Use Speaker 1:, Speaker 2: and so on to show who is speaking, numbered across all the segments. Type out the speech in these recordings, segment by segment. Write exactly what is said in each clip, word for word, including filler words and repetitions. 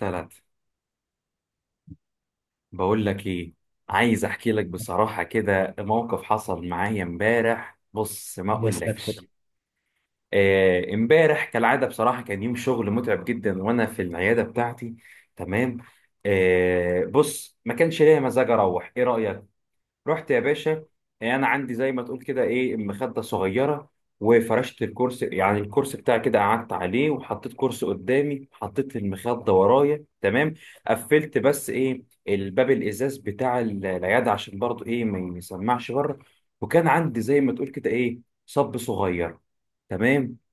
Speaker 1: ثلاثة. بقول لك ايه، عايز احكي لك بصراحة كده، موقف حصل معايا امبارح، بص ما
Speaker 2: يا ساتر.
Speaker 1: اقولكش. آه، امبارح كالعادة بصراحة كان يوم شغل متعب جدا وانا في العيادة بتاعتي. تمام. آه، بص ما كانش ليا مزاج اروح، ايه رأيك؟ رحت يا باشا. يعني انا عندي زي ما تقول كده ايه، مخده صغيره، وفرشت الكرسي، يعني الكرسي بتاعي كده قعدت عليه وحطيت كرسي قدامي، حطيت المخده ورايا. تمام. قفلت بس ايه الباب الازاز بتاع ال- العياده عشان برضو ايه ما يسمعش بره. وكان عندي زي ما تقول كده ايه، صب صغير. تمام.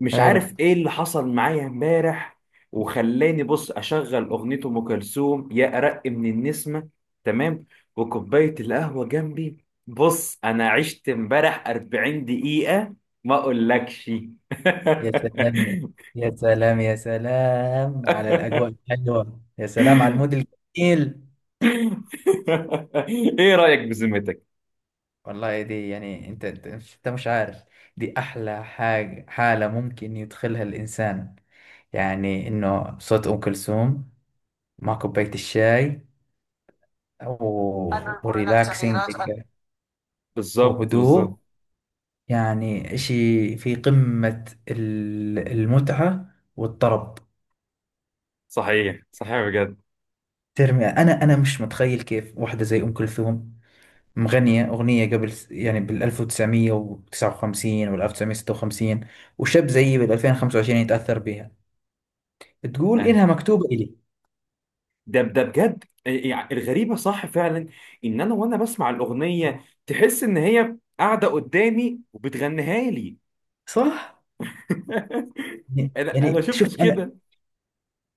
Speaker 1: مش
Speaker 2: حلو.
Speaker 1: عارف ايه اللي حصل معايا امبارح وخلاني بص اشغل اغنية ام كلثوم، يا ارق من النسمة. تمام. وكوباية القهوة جنبي، بص انا عشت امبارح أربعين دقيقة ما اقولكش.
Speaker 2: يا سلام، يا سلام، يا سلام على الأجواء الحلوة، يا سلام على المود الجميل.
Speaker 1: ايه رأيك بذمتك؟
Speaker 2: والله دي يعني أنت أنت أنت مش عارف، دي أحلى حاجة، حالة ممكن يدخلها الإنسان، يعني إنه صوت أم كلثوم مع كوباية الشاي
Speaker 1: أن
Speaker 2: و-
Speaker 1: يكون هناك
Speaker 2: وريلاكسينج
Speaker 1: تغييرات.
Speaker 2: هيك
Speaker 1: بالظبط بالظبط.
Speaker 2: وهدوء، يعني إشي في قمة ال- المتعة والطرب.
Speaker 1: صحيح صحيح بجد.
Speaker 2: ترمي انا انا مش متخيل كيف واحده زي ام كلثوم مغنيه اغنيه قبل س- يعني بال ألف وتسعمية وتسعة وخمسين وال ألف وتسعمية وستة وخمسين، وشاب زيي بال ألفين وخمسة وعشرين يتاثر بها، تقول انها مكتوبه الي.
Speaker 1: ده ده بجد. إيه، إيه، يعني الغريبة صح فعلا، ان انا وانا بسمع الاغنية تحس ان هي قاعدة قدامي وبتغنيها لي.
Speaker 2: صح. يعني
Speaker 1: انا انا
Speaker 2: يعني شوف
Speaker 1: شفتش
Speaker 2: انا،
Speaker 1: كده.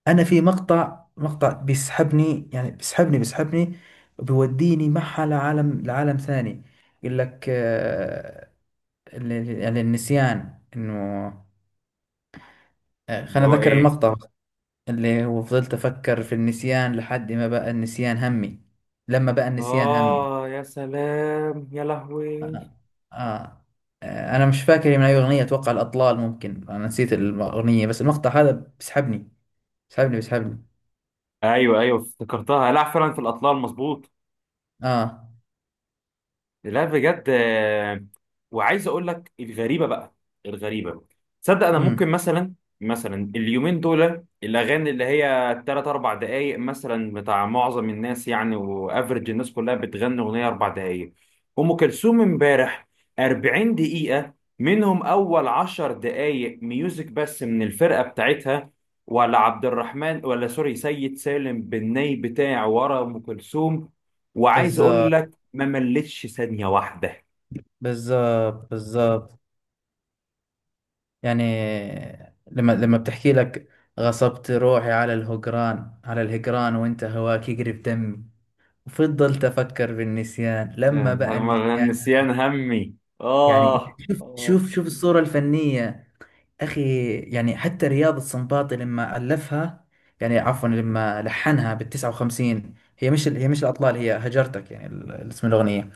Speaker 2: انا في مقطع مقطع بيسحبني، يعني بيسحبني بيسحبني، وبيوديني معها لعالم لعالم ثاني. يقول لك آه، ال- ال- يعني النسيان انه، آه،
Speaker 1: اللي
Speaker 2: خلينا
Speaker 1: هو
Speaker 2: اتذكر
Speaker 1: ايه؟
Speaker 2: المقطع، اللي وفضلت أفكر في النسيان لحد ما بقى النسيان همي، لما بقى النسيان همي.
Speaker 1: اه يا سلام، يا لهوي.
Speaker 2: آه. آه. آه، أنا مش فاكر من أي أغنية، أتوقع الأطلال، ممكن أنا نسيت الأغنية بس المقطع هذا بيسحبني، بيسحبني بيسحبني.
Speaker 1: ايوه ايوه افتكرتها، لا فعلا في الاطلال، مظبوط.
Speaker 2: آه.
Speaker 1: لا بجد. آه، وعايز اقول لك الغريبه بقى، الغريبه. تصدق انا
Speaker 2: أمم
Speaker 1: ممكن مثلا، مثلا اليومين دول الاغاني اللي هي ثلاث أربع دقائق مثلا بتاع معظم الناس، يعني وافرج الناس كلها بتغني اغنيه أربع دقائق. ام كلثوم امبارح أربعين دقيقه، منهم اول عشر دقائق ميوزك بس من الفرقه بتاعتها، ولا عبد الرحمن، ولا سوري، سيد سالم بالني بتاع ورا ام كلثوم. وعايز اقول
Speaker 2: بالظبط،
Speaker 1: ما ملتش ثانية واحدة.
Speaker 2: بالظبط، بالظبط. يعني لما لما بتحكي لك غصبت روحي على الهجران، على الهجران، وانت هواك يقرب دمي، وفضلت أفكر بالنسيان
Speaker 1: يا
Speaker 2: لما بقى
Speaker 1: نهار-
Speaker 2: النسيان.
Speaker 1: النسيان همي.
Speaker 2: يعني
Speaker 1: آه
Speaker 2: شوف
Speaker 1: آه.
Speaker 2: شوف شوف الصورة الفنية، أخي. يعني حتى رياض السنباطي لما ألفها، يعني عفوا لما لحنها بال تسعة وخمسين، هي مش هي مش الأطلال، هي هجرتك، يعني ال- اسم الأغنية.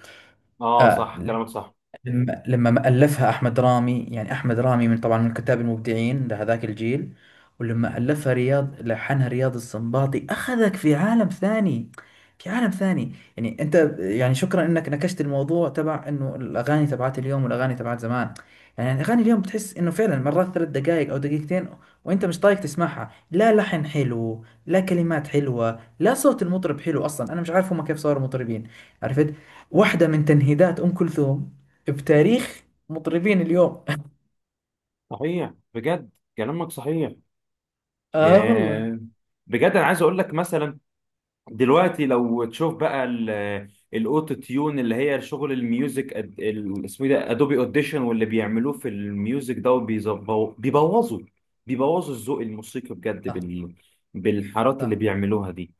Speaker 1: آه
Speaker 2: آه.
Speaker 1: صح، كلامك صح.
Speaker 2: لما لما ما ألفها أحمد رامي، يعني أحمد رامي من طبعا من الكتاب المبدعين لهذاك الجيل، ولما ألفها رياض، لحنها رياض السنباطي، أخذك في عالم ثاني، في عالم ثاني. يعني أنت، يعني شكرا أنك نكشت الموضوع تبع أنه الأغاني تبعت اليوم والأغاني تبعت زمان. يعني الأغاني اليوم بتحس أنه فعلا مرات ثلاث دقائق أو دقيقتين، وأنت مش طايق تسمعها، لا لحن حلو، لا كلمات حلوة، لا صوت المطرب حلو، أصلا أنا مش عارف هم كيف صاروا مطربين. عرفت، واحدة من تنهيدات أم كلثوم بتاريخ مطربين اليوم.
Speaker 1: صحيح بجد، كلامك صحيح.
Speaker 2: اه والله.
Speaker 1: ياه. بجد أنا عايز أقول لك مثلا، دلوقتي لو تشوف بقى ال- الأوتو تيون اللي هي شغل الميوزك، أد- ال- اسمه إيه ده، أدوبي أوديشن، واللي بيعملوه في الميوزك ده، وبيظبو- بيبوظوا بيبوظوا الذوق الموسيقي بجد،
Speaker 2: صح.
Speaker 1: بال بالحارات اللي
Speaker 2: صح
Speaker 1: بيعملوها دي.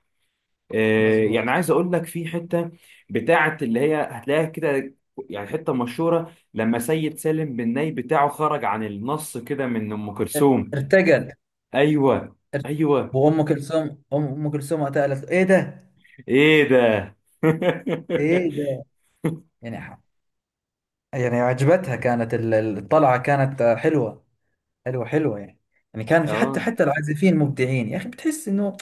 Speaker 1: آه، يعني
Speaker 2: مظبوط.
Speaker 1: عايز اقول لك في حته بتاعه اللي هي هتلاقيها كده، يعني حته مشهوره لما سيد سالم بن ناي بتاعه خرج عن النص كده من ام كلثوم.
Speaker 2: ارتجل.
Speaker 1: ايوه ايوه.
Speaker 2: وام كلثوم، ام أم كلثوم وقتها قالت له، ايه ده،
Speaker 1: ايه ده.
Speaker 2: ايه ده. يعني ح- يعني عجبتها، كانت ال- ال- الطلعه كانت حلوه، حلوه حلوه يعني. يعني كان في حتى
Speaker 1: اه
Speaker 2: حتى العازفين مبدعين يا اخي، بتحس انه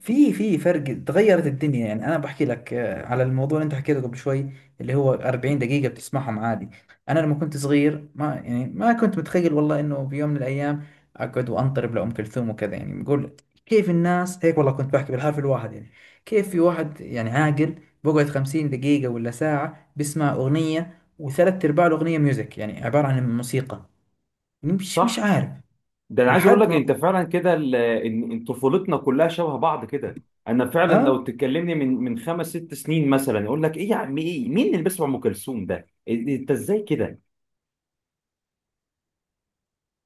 Speaker 2: في في فرق، تغيرت الدنيا. يعني انا بحكي لك آه، على الموضوع اللي انت حكيته قبل شوي، اللي هو أربعين دقيقة بتسمعهم عادي. انا لما كنت صغير ما يعني ما كنت متخيل والله انه في يوم من الايام اقعد وانطرب لأم كلثوم وكذا، يعني بقول كيف الناس هيك، والله كنت بحكي بالحرف الواحد، يعني كيف في واحد يعني عاقل بقعد خمسين دقيقة ولا ساعة بسمع أغنية، وثلاث أرباع الأغنية ميوزك، يعني عبارة عن موسيقى. مش مش
Speaker 1: صح.
Speaker 2: عارف
Speaker 1: ده انا عايز اقول
Speaker 2: لحد
Speaker 1: لك
Speaker 2: ما.
Speaker 1: انت فعلا كده، ال- ان إن طفولتنا كلها شبه بعض كده. انا فعلا
Speaker 2: اه.
Speaker 1: لو تكلمني من من خمس ست سنين مثلا اقول لك ايه يا عم، ايه مين اللي بيسمع ام كلثوم ده؟ إيه- إيه، انت ازاي كده؟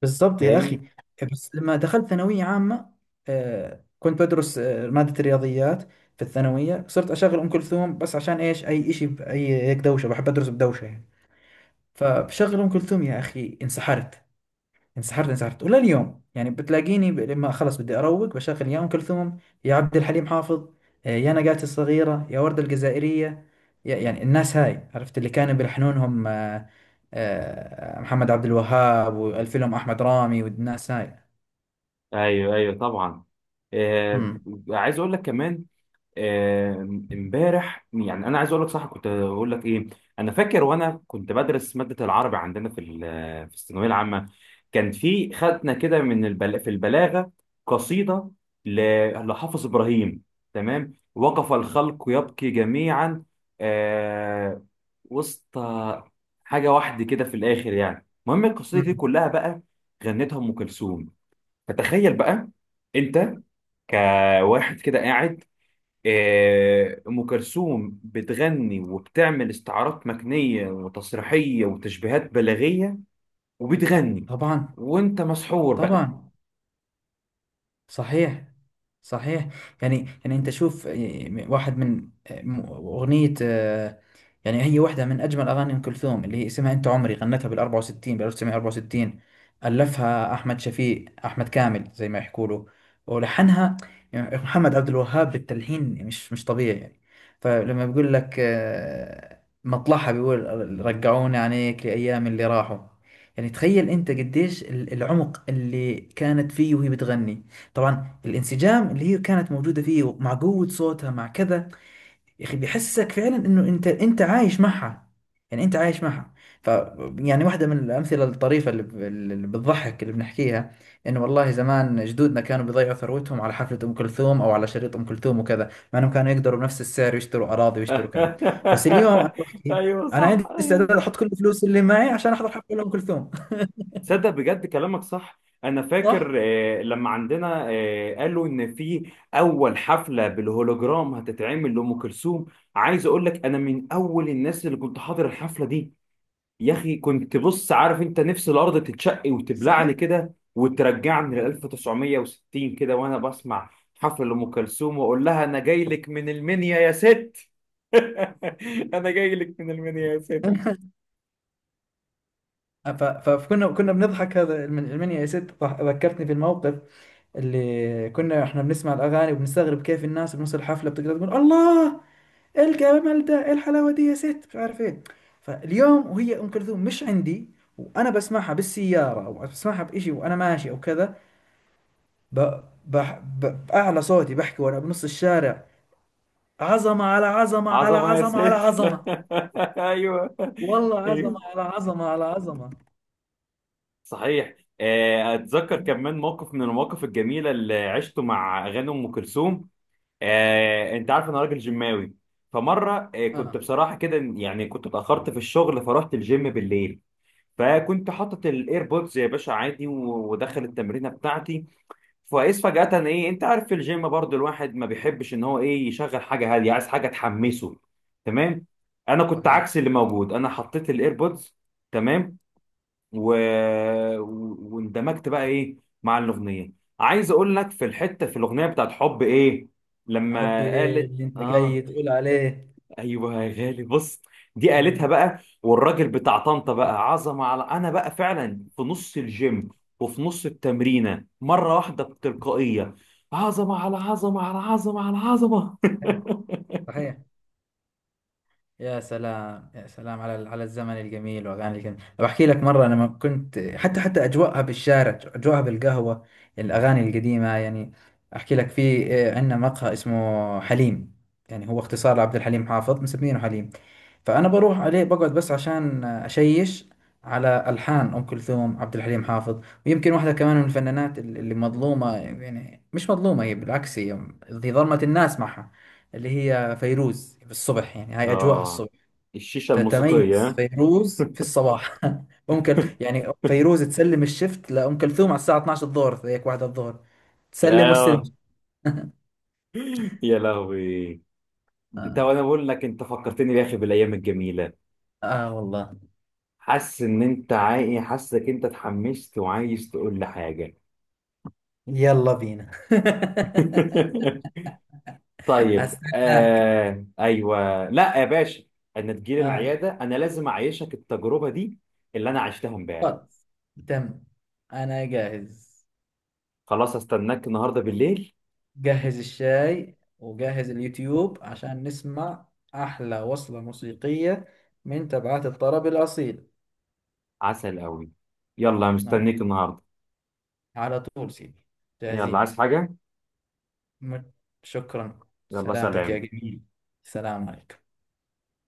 Speaker 2: بالظبط يا أخي.
Speaker 1: فاهمني؟
Speaker 2: بس لما دخلت ثانوية عامة، آه، كنت بدرس آه، مادة الرياضيات في الثانوية، صرت أشغل أم كلثوم بس عشان إيش أي إشي بأي هيك دوشة، بحب أدرس بدوشة يعني. فبشغل أم كلثوم يا أخي، انسحرت انسحرت انسحرت. ولا اليوم يعني بتلاقيني ب- لما خلص بدي اروق بشغل يا ام كلثوم، يا عبد الحليم حافظ، آه، يا نجاة الصغيرة، يا وردة الجزائرية، يا- يعني الناس هاي، عرفت اللي كانوا بيلحنونهم، آه، آه، محمد عبد الوهاب والفيلم احمد رامي والناس هاي.
Speaker 1: ايوه ايوه طبعا. آه.
Speaker 2: امم
Speaker 1: عايز اقول لك كمان، آه، امبارح يعني انا عايز اقول لك صح كنت اقول لك ايه. انا فاكر وانا كنت بدرس ماده العربي عندنا في ال- في الثانويه العامه، كان في خدنا كده من البل... في البلاغه قصيده ل... لحافظ ابراهيم. تمام، وقف الخلق يبكي جميعا، آه، وسط حاجه واحده كده في الاخر، يعني المهم القصيده دي
Speaker 2: أمم.
Speaker 1: كلها بقى غنتها ام كلثوم. فتخيل بقى انت كواحد كده قاعد، آه، ام كلثوم بتغني وبتعمل استعارات مكنيه وتسريحيه وتشبيهات بلاغيه، وبتغني
Speaker 2: طبعا.
Speaker 1: وانت مسحور بقى.
Speaker 2: طبعا. صحيح. صحيح. يعني يعني انت شوف، آه، واحد من آه، م- اغنية، آه، يعني هي واحدة من أجمل أغاني أم كلثوم، اللي هي اسمها أنت عمري، غنتها بال أربعة وستين، بال ألف وتسعمية وأربعة وستين. ألفها أحمد شفيق، أحمد كامل زي ما يحكوا له، ولحنها يعني محمد عبد الوهاب، بالتلحين مش مش طبيعي يعني. فلما بيقول لك آه، مطلعها، بيقول رجعوني عليك لأيام اللي راحوا. يعني تخيل أنت قديش ال- العمق اللي كانت فيه وهي بتغني، طبعا الانسجام اللي هي كانت موجودة فيه مع قوة صوتها مع كذا، يا اخي بيحسسك فعلا انه انت انت عايش معها، يعني انت عايش معها. ف، يعني واحده من الامثله الطريفه اللي, ب- اللي بتضحك اللي بنحكيها، انه والله زمان جدودنا كانوا بيضيعوا ثروتهم على حفله ام كلثوم او على شريط ام كلثوم وكذا، مع انهم كانوا يقدروا بنفس السعر يشتروا اراضي ويشتروا كذا. بس اليوم انا بحكي
Speaker 1: ايوه
Speaker 2: انا
Speaker 1: صح
Speaker 2: عندي
Speaker 1: ايوه.
Speaker 2: استعداد احط كل الفلوس اللي معي عشان احضر حفله ام كلثوم.
Speaker 1: صدق بجد كلامك صح، انا فاكر
Speaker 2: صح.
Speaker 1: آه، لما عندنا آه، قالوا ان في اول حفله بالهولوجرام هتتعمل لام كلثوم. عايز اقول لك انا من اول الناس اللي كنت حاضر الحفله دي، يا اخي كنت بص عارف انت، نفس الارض تتشق
Speaker 2: صحيح.
Speaker 1: وتبلعني كده وترجعني ل ألف وتسعمئة وستين كده، وانا بسمع حفل ام كلثوم واقول لها، انا جاي لك من المنيا يا ست. انا جاي لك من المنيا يا ست.
Speaker 2: ف- فكنا كنا بنضحك هذا المن- المنيا يا ست، ضح- ذكرتني في الموقف اللي كنا احنا بنسمع الاغاني وبنستغرب كيف الناس بنص الحفله بتقدر تقول الله، ايه الجمال ده، ايه الحلاوه دي يا ست، مش عارف ايه. فاليوم وهي ام كلثوم مش عندي، وانا بسمعها بالسياره او بسمعها بإشي وانا ماشي او كذا، ب... بح... ب... باعلى صوتي بحكي وانا بنص الشارع، عظمه على عظمه على
Speaker 1: عظمه يا
Speaker 2: عظمه على
Speaker 1: ست.
Speaker 2: عظمه.
Speaker 1: ايوه.
Speaker 2: والله عظمه
Speaker 1: ايوه
Speaker 2: على عظمه على عظمه.
Speaker 1: صحيح. آه، اتذكر كمان موقف من المواقف الجميله اللي عشته مع اغاني ام كلثوم. آه، انت عارف انا راجل جماوي، فمره آه، كنت
Speaker 2: اه.
Speaker 1: بصراحه كده يعني كنت اتاخرت في الشغل، فرحت الجيم بالليل، فكنت حاطط الايربودز يا باشا عادي و- ودخل التمرينه بتاعتي. فاذ فجاه ايه، انت عارف في الجيم برضو الواحد ما بيحبش ان هو ايه يشغل حاجه هاديه، عايز حاجه تحمسه. تمام. انا كنت
Speaker 2: صحيح.
Speaker 1: عكس اللي موجود، انا حطيت الايربودز. تمام. و... و- واندمجت بقى ايه مع الاغنيه. عايز اقول لك في الحته في الاغنيه بتاعت حب ايه،
Speaker 2: حبي
Speaker 1: لما
Speaker 2: إيه
Speaker 1: قالت
Speaker 2: اللي انت
Speaker 1: اه.
Speaker 2: جاي تقول عليه.
Speaker 1: ايوه يا غالي بص، دي قالتها
Speaker 2: مم.
Speaker 1: بقى، والراجل بتاع طنطا بقى عظمه على، انا بقى فعلا في نص الجيم وفي نص التمرينه، مره واحده بتلقائيه، عظمه على عظمه على عظمه على عظمه.
Speaker 2: صحيح. يا سلام، يا سلام على على الزمن الجميل واغاني الجميل. بحكي لك مره، انا ما كنت حتى حتى اجواءها بالشارع، اجواءها بالقهوه، الاغاني القديمه يعني. احكي لك، في آه، عندنا مقهى اسمه حليم، يعني هو اختصار لعبد الحليم حافظ، مسمينه حليم. فانا بروح عليه بقعد بس عشان اشيش على الحان ام كلثوم، عبد الحليم حافظ. ويمكن واحده كمان من الفنانات اللي مظلومه، يعني مش مظلومه، هي بالعكس، هي هي ظلمت الناس معها، اللي هي فيروز، بالصبح يعني هاي اجواءها
Speaker 1: اه
Speaker 2: الصبح،
Speaker 1: الشيشه الموسيقيه،
Speaker 2: تتميز
Speaker 1: ها؟
Speaker 2: فيروز في الصباح. ام كلثوم يعني، فيروز تسلم الشفت لام كلثوم على الساعه اثناشر الظهر، هيك واحده الظهر، تسلم واستلم.
Speaker 1: اه يا لهوي. انت
Speaker 2: آه.
Speaker 1: وانا بقول لك انت فكرتني يا اخي بالايام الجميله.
Speaker 2: اه والله.
Speaker 1: حاسس ان انت عاي... حاسسك انت اتحمست وعايز تقول لي حاجه.
Speaker 2: يلا بينا.
Speaker 1: طيب،
Speaker 2: استناك.
Speaker 1: آه... ايوه لا يا باشا، انا تجيلي
Speaker 2: اه
Speaker 1: العياده، انا لازم اعيشك التجربه دي اللي انا عشتها امبارح.
Speaker 2: خلاص، تم، انا جاهز.
Speaker 1: خلاص استناك النهارده بالليل.
Speaker 2: جهز الشاي وجهز اليوتيوب عشان نسمع احلى وصلة موسيقية من تبعات الطرب الاصيل.
Speaker 1: عسل قوي، يلا
Speaker 2: آه.
Speaker 1: مستنيك النهارده.
Speaker 2: على طول سيدي،
Speaker 1: يلا
Speaker 2: جاهزين.
Speaker 1: عايز حاجه؟
Speaker 2: مت- شكرا،
Speaker 1: يلا
Speaker 2: سلامتك يا
Speaker 1: سلام.
Speaker 2: جميل. سلام عليكم.